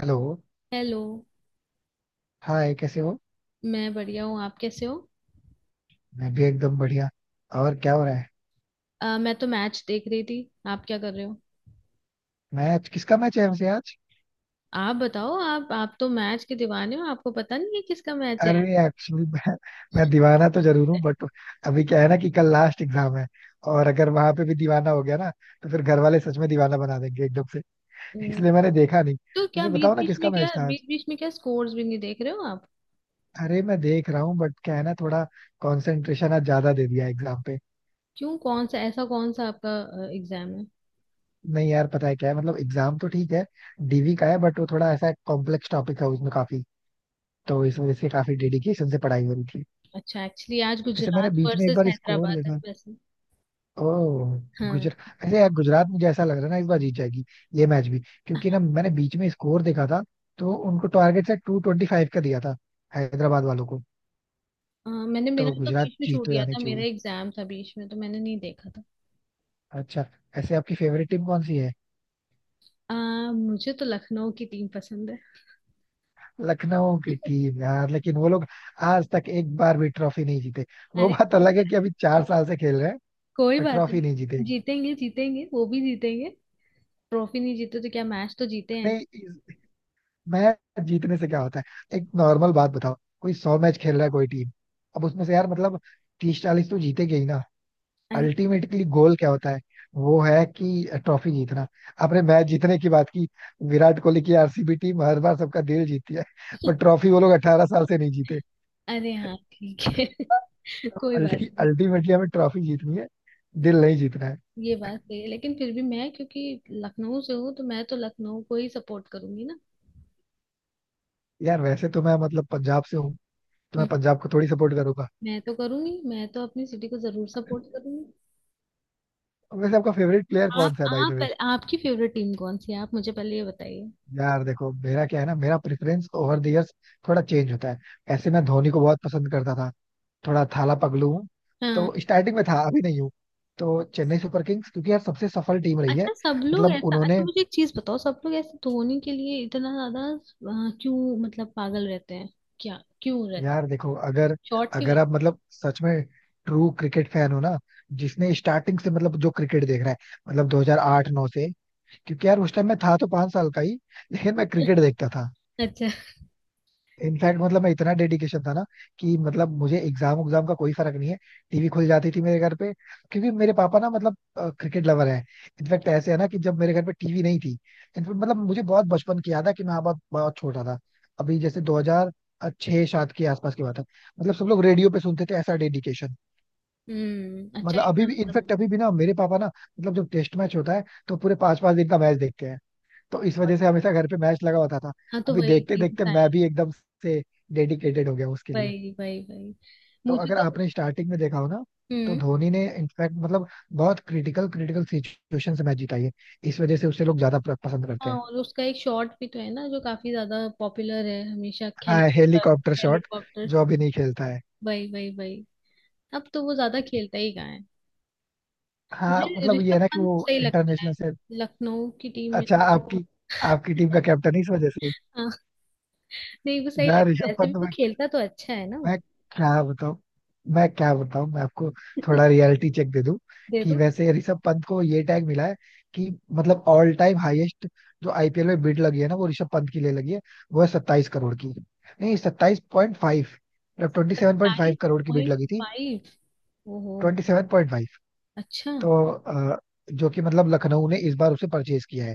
Hello. Hello. Hi, कैसे हो? मैं बढ़िया हूँ। आप कैसे हो? मैं भी एकदम बढ़िया। और क्या हो रहा है? मैं तो मैच देख रही थी। आप क्या कर रहे हो? मैच किसका मैच है वैसे आज? आप बताओ। आप तो मैच के दीवाने हो, आपको पता नहीं है किसका मैच है आज? अरे एक्चुअली मैं दीवाना तो जरूर हूँ, बट अभी क्या है ना कि कल लास्ट एग्जाम है, और अगर वहां पे भी दीवाना हो गया ना, तो फिर घर वाले सच में दीवाना बना देंगे एकदम से। हम्म। इसलिए मैंने देखा नहीं। तो क्या वैसे बीच बताओ ना बीच किसका में मैच क्या था आज। बीच बीच में क्या स्कोर्स भी नहीं देख रहे हो आप? अरे मैं देख रहा हूँ बट क्या है ना, थोड़ा कंसंट्रेशन आज ज्यादा दे दिया एग्जाम पे। क्यों, कौन सा आपका एग्जाम है? नहीं यार, पता है क्या है, मतलब एग्जाम तो ठीक है, डीवी का है, बट वो थोड़ा ऐसा कॉम्प्लेक्स टॉपिक है, उसमें काफी, तो इस वजह से काफी डेडिकेशन से पढ़ाई हो रही थी। अच्छा, एक्चुअली आज ऐसे मैंने गुजरात बीच में एक वर्सेस बार स्कोर हैदराबाद है देखा। वैसे। ओह। हाँ। गुजरात, ऐसे यार गुजरात मुझे ऐसा लग रहा है ना इस बार जीत जाएगी, ये मैच भी। क्योंकि ना मैंने बीच में स्कोर देखा था, तो उनको टारगेट से 225 का दिया था, हैदराबाद वालों को। मैंने मेरा तो तो गुजरात बीच में जीत छूट तो गया जानी था, मेरा चाहिए। एग्जाम था बीच में, तो मैंने नहीं देखा था। अच्छा, ऐसे आपकी फेवरेट टीम कौन सी है? मुझे तो लखनऊ की टीम पसंद है। लखनऊ की टीम? यार लेकिन वो लोग आज तक एक बार भी ट्रॉफी नहीं जीते। वो अरे, बात अलग है कि अभी 4 साल से खेल रहे हैं, कोई पर बात ट्रॉफी नहीं। नहीं जीते। जीतेंगे, जीतेंगे, वो भी जीतेंगे। ट्रॉफी नहीं जीते तो क्या, मैच तो जीते हैं। नहीं, मैच जीतने से क्या होता है? एक नॉर्मल बात बताओ, कोई 100 मैच खेल रहा है कोई टीम, अब उसमें से यार मतलब 30 40 तो जीतेगी ही ना। अरे। अल्टीमेटली गोल क्या होता है? वो है कि ट्रॉफी जीतना। आपने मैच जीतने की बात की, विराट कोहली की आरसीबी टीम हर बार सबका दिल जीतती है, बट ट्रॉफी वो लोग 18 साल से नहीं जीते। अरे हाँ, ठीक है। कोई बात नहीं। अल्टीमेटली हमें ट्रॉफी जीतनी है, दिल नहीं जीतना है। ये बात सही है, लेकिन फिर भी मैं क्योंकि लखनऊ से हूँ, तो मैं तो लखनऊ को ही सपोर्ट करूंगी ना। यार वैसे तो मैं मतलब पंजाब से हूँ, तो मैं हम्म। पंजाब को थोड़ी सपोर्ट करूंगा। मैं तो करूंगी, मैं तो अपनी सिटी को जरूर सपोर्ट करूंगी। वैसे आपका फेवरेट प्लेयर कौन सा है भाई द वे? आपकी फेवरेट टीम कौन सी है? आप मुझे पहले ये बताइए। यार देखो मेरा क्या है ना, मेरा प्रेफरेंस ओवर द इयर्स थोड़ा चेंज होता है। ऐसे मैं धोनी को बहुत पसंद करता था, थोड़ा थाला पगलू हूँ, हाँ। तो स्टार्टिंग में था, अभी नहीं हूँ। तो चेन्नई सुपर किंग्स, क्योंकि यार सबसे सफल टीम रही है। अच्छा, सब लोग मतलब ऐसा अच्छा उन्होंने, मुझे एक चीज बताओ, सब लोग ऐसे धोने के लिए इतना ज्यादा क्यों मतलब पागल रहते हैं? क्या क्यों रहते? यार देखो अगर शॉर्ट के अगर वजह। आप मतलब सच में ट्रू क्रिकेट फैन हो ना, जिसने स्टार्टिंग से मतलब जो क्रिकेट देख रहा है, मतलब 2008-9 से। क्योंकि यार उस टाइम मैं था तो 5 साल का ही, लेकिन मैं क्रिकेट देखता था। अच्छा। इनफैक्ट मतलब मैं इतना डेडिकेशन था ना कि मतलब मुझे एग्जाम उग्जाम का कोई फर्क नहीं है, टीवी खुल जाती थी मेरे घर पे, क्योंकि मेरे पापा ना, मतलब क्रिकेट लवर है। इनफैक्ट ऐसे है ना कि जब मेरे घर पे टीवी नहीं थी, इनफैक्ट मतलब मुझे बहुत बचपन की याद है कि मैं बहुत बहुत छोटा था, अभी जैसे 2006 सात के आसपास की बात है, मतलब सब लोग रेडियो पे सुनते थे, ऐसा डेडिकेशन। हम्म, अच्छा, मतलब अभी इतना भी, मतलब। इनफैक्ट अभी भी ना मेरे पापा ना, मतलब जब टेस्ट मैच होता है तो पूरे पांच पांच दिन का मैच देखते हैं, तो इस बहुत-। वजह से हमेशा घर पे मैच लगा होता था। हाँ, तो अभी वही देखते चीज देखते है। मैं भी एकदम से डेडिकेटेड हो गया उसके लिए। वही, वही, वही। तो मुझे अगर तो। आपने स्टार्टिंग में देखा हो ना, तो हम्म। धोनी ने इनफैक्ट मतलब बहुत क्रिटिकल क्रिटिकल सिचुएशन से मैच जीता है, इस वजह से उसे लोग ज्यादा पसंद करते हाँ, हैं। और उसका एक शॉर्ट भी तो है ना, जो काफी ज्यादा पॉपुलर है हमेशा, हाँ हेलीकॉप्टर हेलीकॉप्टर शॉट, हेलीकॉप्टर जो शॉट। अभी नहीं खेलता है। वही, वही, वही। अब तो वो ज्यादा खेलता ही कहाँ है? हाँ मुझे मतलब ये ऋषभ है ना कि पंत वो सही लगता है, इंटरनेशनल से। लखनऊ की टीम में। अच्छा, आपकी आपकी टीम का कैप्टन इस वजह से? हाँ। नहीं, वो सही यार लगता है, ऋषभ वैसे भी पंत, वो खेलता तो अच्छा है ना मैं वो। क्या बताऊं मैं क्या बताऊं मैं आपको थोड़ा रियलिटी चेक दे दूं, दे कि दो। वैसे ऋषभ पंत को ये टैग मिला है, कि मतलब ऑल टाइम हाईएस्ट जो आईपीएल में बिड लगी है ना, वो ऋषभ पंत की लिए लगी है। वो है 27 करोड़ की। नहीं, 27.5, मतलब ट्वेंटी सेवन पॉइंट सत्ताईस फाइव करोड़ की बिड पॉइंट लगी थी। फाइव ओहो, 27.5। अच्छा। तो जो कि मतलब लखनऊ ने इस बार उसे परचेज किया है।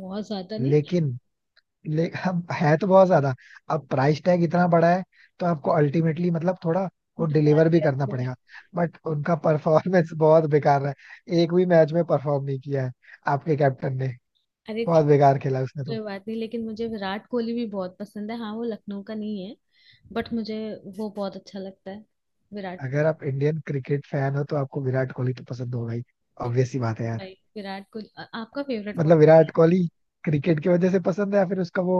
बहुत ज्यादा नहीं। लेकिन ले, अब है तो बहुत ज्यादा, अब प्राइस टैग इतना बड़ा है, तो आपको अल्टीमेटली मतलब थोड़ा वो डुबा डिलीवर भी दिया करना थोड़ा। पड़ेगा। बट उनका परफॉर्मेंस बहुत बेकार है, एक भी मैच में परफॉर्म नहीं किया है आपके कैप्टन ने, अरे ठीक। बहुत बेकार खेला उसने कोई तो। बात नहीं, लेकिन मुझे विराट कोहली भी बहुत पसंद है, हाँ वो लखनऊ का नहीं है, बट मुझे वो बहुत अच्छा लगता है, विराट कोहली। अगर आप इंडियन क्रिकेट फैन हो तो आपको विराट कोहली तो पसंद होगा ही, भाई- ऑब्वियस सी बात है यार। विराट कोहली आपका फेवरेट मतलब कौन? विराट कोहली क्रिकेट की वजह से पसंद है या फिर उसका वो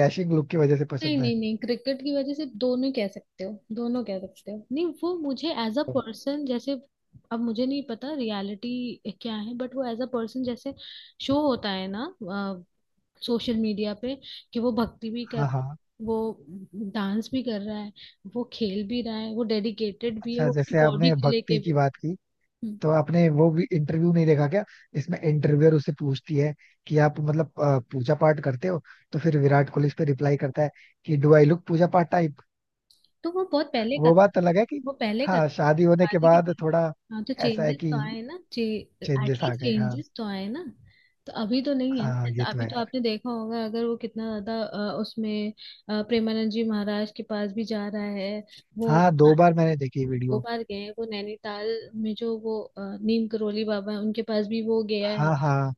डैशिंग लुक की वजह से नहीं, पसंद है? नहीं, नहीं, क्रिकेट की वजह से, दोनों कह सकते हो, दोनों कह सकते हो। नहीं, वो मुझे एज अ पर्सन जैसे, अब मुझे नहीं पता रियलिटी क्या है, बट वो एज अ पर्सन जैसे शो होता है ना सोशल मीडिया पे, कि वो भक्ति भी कर, हाँ हाँ। वो डांस भी कर रहा है, वो खेल भी रहा है, वो डेडिकेटेड भी है अच्छा, वो अपनी जैसे बॉडी आपने को लेके भक्ति की भी। बात की, तो आपने वो भी इंटरव्यू नहीं देखा क्या? इसमें इंटरव्यूअर उससे पूछती है कि आप मतलब पूजा पाठ करते हो, तो फिर विराट कोहली इस पे रिप्लाई करता है कि डू आई लुक पूजा पाठ टाइप। तो वो बहुत पहले का वो था बात ना। अलग है कि, वो पहले का हाँ, था, शादी होने के शादी के बाद पहले। थोड़ा, हाँ, तो ऐसा है चेंजेस कि, तो आए ना चे चेंजेस आ एटलीस्ट गए हाँ। चेंजेस तो आए ना। तो अभी तो नहीं है ना, हाँ जैसे ये तो अभी है तो यार। आपने देखा होगा अगर वो कितना ज्यादा उसमें प्रेमानंद जी महाराज के पास भी जा रहा है वो। हाँ, हाँ। 2 बार मैंने देखी दो वीडियो। बार गए हैं वो नैनीताल में, जो वो नीम करोली बाबा है, उनके पास भी वो गया है। हाँ हाँ।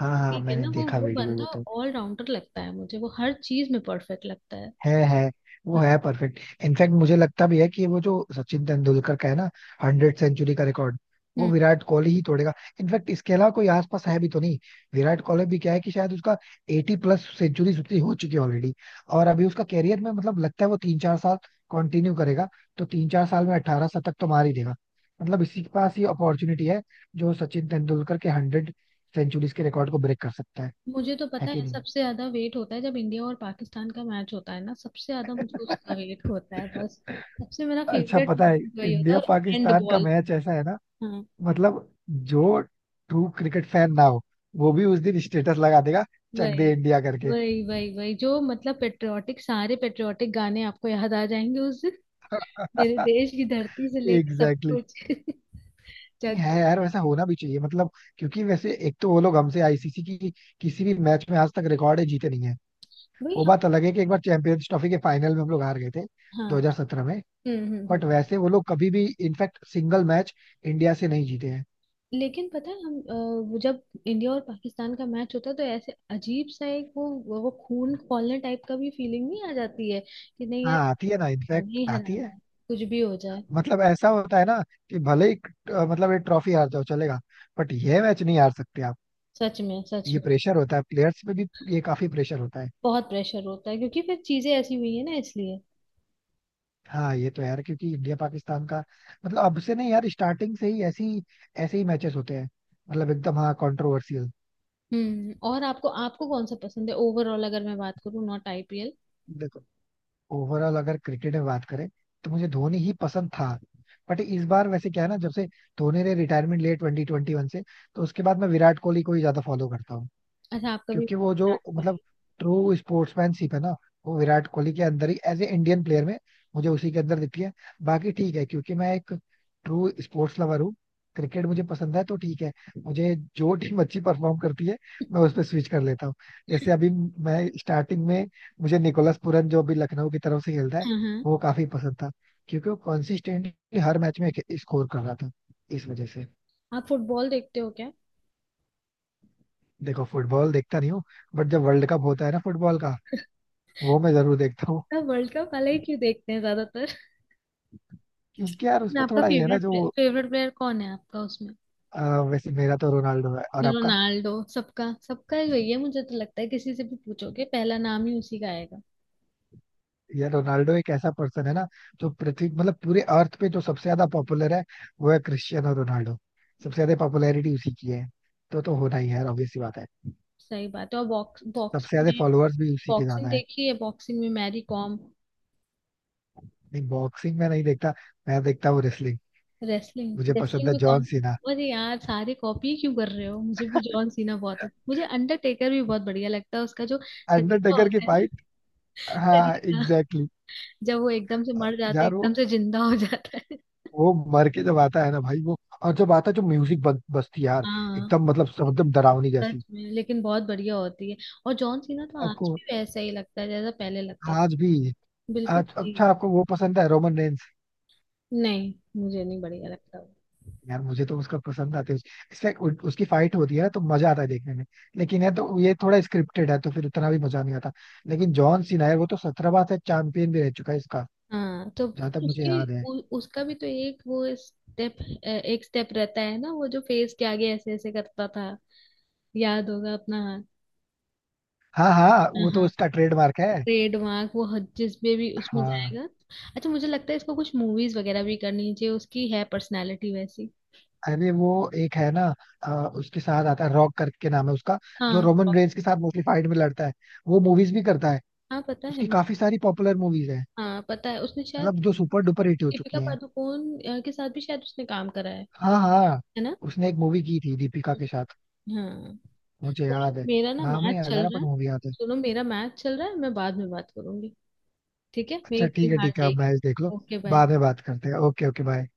हाँ हाँ ठीक है मैंने ना, वो देखा वो वीडियो, बंदा ये तो। ऑल राउंडर लगता है मुझे, वो हर चीज में परफेक्ट लगता है। है, वो है परफेक्ट। इनफैक्ट मुझे लगता भी है कि वो जो सचिन तेंदुलकर का है ना, 100 सेंचुरी का रिकॉर्ड, वो हाँ। विराट कोहली ही तोड़ेगा। इनफैक्ट इसके अलावा कोई आसपास है भी तो नहीं। विराट कोहली भी क्या है कि शायद उसका 80+ सेंचुरी उतनी हो चुकी है ऑलरेडी, और अभी उसका कैरियर में मतलब लगता है वो 3 4 साल कंटिन्यू करेगा, तो 3 4 साल में 18 शतक तो मार ही देगा। मतलब इसी के पास ही अपॉर्चुनिटी है, जो सचिन तेंदुलकर के 100 सेंचुरीज के रिकॉर्ड को ब्रेक कर सकता है। मुझे तो है पता कि है नहीं? सबसे ज्यादा वेट होता है जब इंडिया और पाकिस्तान का मैच होता है ना, सबसे ज्यादा मुझे उसका वेट होता है बस। सबसे मेरा अच्छा फेवरेट पता है, मोमेंट वही होता इंडिया है, और एंड पाकिस्तान का बॉल। मैच ऐसा है ना, हाँ। मतलब जो ट्रू क्रिकेट फैन ना हो वो भी उस दिन स्टेटस लगा देगा, चक वही, दे इंडिया करके। वही, वही, वही, जो मतलब पेट्रियाटिक, सारे पेट्रियाटिक गाने आपको याद आ जाएंगे उस दिन। मेरे देश की धरती से लेके सब एग्जैक्टली, exactly. कुछ जग। है यार, वैसा होना भी चाहिए मतलब, क्योंकि वैसे एक तो वो लोग हमसे आईसीसी की किसी भी मैच में आज तक रिकॉर्ड है, जीते नहीं है। वही, वो हाँ। बात अलग है कि एक बार चैंपियंस ट्रॉफी के फाइनल में हम लोग हार गए थे हाँ। 2017 में, हम्म, हम्म, हम्म। बट वैसे वो लोग कभी भी इनफैक्ट सिंगल मैच इंडिया से नहीं जीते हैं। लेकिन पता है हम वो जब इंडिया और पाकिस्तान का मैच होता है तो ऐसे अजीब सा एक वो खून खौलने टाइप का भी फीलिंग नहीं आ जाती है कि नहीं यार? हाँ आती है ना, हराना इनफैक्ट ही आती है। हराना है, कुछ भी हो जाए। मतलब ऐसा होता है ना, कि भले ही मतलब ये ट्रॉफी हार जाओ चलेगा, बट ये मैच नहीं हार सकते आप। सच में, सच ये में। प्रेशर होता है प्लेयर्स पे भी, ये काफी प्रेशर होता है। बहुत प्रेशर होता है, क्योंकि फिर चीजें ऐसी हुई है ना इसलिए। हाँ ये तो यार, क्योंकि इंडिया पाकिस्तान का मतलब अब से नहीं यार, स्टार्टिंग से ही ऐसी, ऐसे ही मैचेस होते हैं, मतलब एकदम हाँ कंट्रोवर्सियल। हम्म, और आपको आपको कौन सा पसंद है ओवरऑल, अगर मैं बात करूँ नॉट आईपीएल। देखो ओवरऑल अगर क्रिकेट में बात करें तो मुझे धोनी ही पसंद था, बट इस बार वैसे क्या है ना जब से धोनी ने रिटायरमेंट लिया 2021 से, तो उसके बाद मैं विराट कोहली को ही ज्यादा फॉलो करता हूँ। अच्छा, आपका भी क्योंकि वो जो विराट मतलब कोहली। ट्रू स्पोर्ट्समैनशिप है ना, वो विराट कोहली के अंदर ही एज ए इंडियन प्लेयर में, मुझे उसी के अंदर दिखती है। बाकी ठीक है, क्योंकि मैं एक ट्रू स्पोर्ट्स लवर हूँ, क्रिकेट मुझे पसंद है तो ठीक है, मुझे जो टीम अच्छी परफॉर्म करती है मैं उस पर स्विच कर लेता हूँ। जैसे अभी मैं स्टार्टिंग में, मुझे निकोलस पूरन, जो अभी लखनऊ की तरफ से खेलता है, हाँ, हाँ। वो काफी पसंद था, क्योंकि वो कंसिस्टेंटली हर मैच में स्कोर कर रहा था, इस वजह से। आप फुटबॉल देखते हो क्या? देखो फुटबॉल देखता नहीं हूँ, बट जब वर्ल्ड कप होता है ना फुटबॉल का, वो मैं जरूर देखता हूँ। वर्ल्ड कप वाला ही क्यों देखते हैं ज्यादातर? क्योंकि यार उसमें आपका थोड़ा ये है ना, फेवरेट जो प्लेयर, फेवरेट प्लेयर कौन है आपका उसमें? वैसे मेरा तो रोनाल्डो है, और आपका? रोनाल्डो सबका, सबका ही वही है, मुझे तो लगता है किसी से भी पूछोगे पहला नाम ही उसी का आएगा। ये रोनाल्डो एक ऐसा पर्सन है ना, जो पृथ्वी मतलब पूरे अर्थ पे जो सबसे ज्यादा पॉपुलर है, वो है क्रिस्टियानो रोनाल्डो। सबसे ज्यादा पॉपुलैरिटी उसी की है, तो होना ही है यार, ऑब्वियस सी बात है। सही बात है। और सबसे बॉक्सिंग ज्यादा में फॉलोअर्स भी उसी के ज्यादा बॉक्सिंग है। देखी है? बॉक्सिंग में मैरी कॉम। नहीं बॉक्सिंग में नहीं देखता, मैं देखता हूँ रेसलिंग। रेसलिंग? मुझे पसंद रेसलिंग है में जॉन कौन? सीना। अरे यार, सारे कॉपी क्यों कर रहे हो? मुझे भी जॉन सीना बहुत अच्छा। मुझे अंडरटेकर भी बहुत बढ़िया लगता है, उसका जो तरीका अंडरटेकर की होता है फाइट, ना, हाँ तरीका, एग्जैक्टली, जब वो एकदम से मर exactly. जाता है, यार वो एकदम से जिंदा हो जाता है। वो मर के जब आता है ना भाई, वो और जब आता है जो म्यूजिक बजती है यार, हाँ। एकदम मतलब एकदम डरावनी जैसी। सच में, लेकिन बहुत बढ़िया होती है। और जॉन सीना तो आज आपको भी वैसा ही लगता है जैसा पहले लगता आज था। भी? बिल्कुल आज जी। अच्छा, आपको वो पसंद है रोमन रेंस? नहीं, मुझे नहीं बढ़िया लगता वो। यार मुझे तो उसका पसंद आते हैं। उसकी फाइट होती है ना तो मजा आता है देखने में, लेकिन है तो ये थोड़ा स्क्रिप्टेड है, तो फिर उतना भी मजा नहीं आता। लेकिन जॉन सीना है, वो तो 17 बार से चैंपियन भी रह चुका है इसका, हाँ, तो जहां तक मुझे याद है। उसका भी तो एक वो स्टेप, एक स्टेप रहता है ना वो, जो फेस के आगे ऐसे ऐसे करता था। याद होगा अपना? हाँ हाँ, हाँ, वो तो हाँ। उसका ट्रेडमार्क है। ट्रेडमार्क, वो जिसमें भी उसमें हाँ जाएगा। अच्छा, मुझे लगता है इसको कुछ मूवीज वगैरह भी करनी चाहिए, उसकी है पर्सनालिटी वैसी। अरे वो एक है ना, अ, उसके साथ आता है रॉक करके नाम है उसका, जो हाँ। रोमन रेंस के साथ मोस्टली फाइट में लड़ता है, वो मूवीज भी करता है। हाँ, पता है उसकी मुझे। काफी सारी पॉपुलर मूवीज है, हाँ, पता है उसने शायद मतलब जो सुपर डुपर हिट हो चुकी दीपिका हैं। पादुकोण के साथ भी शायद उसने काम करा है हाँ हाँ, है ना? उसने एक मूवी की थी दीपिका के साथ, हाँ। मुझे याद है, मेरा ना नाम मैच नहीं याद आ चल रहा रहा बट है। मूवी याद है। सुनो, मेरा मैच चल रहा है, मैं बाद में बात करूंगी। ठीक है, अच्छा मेरी ठीक है, टीम हार ठीक है आप जाएगी। मैच देख लो, ओके, बाय। बाद में बात करते हैं। Okay okay bye.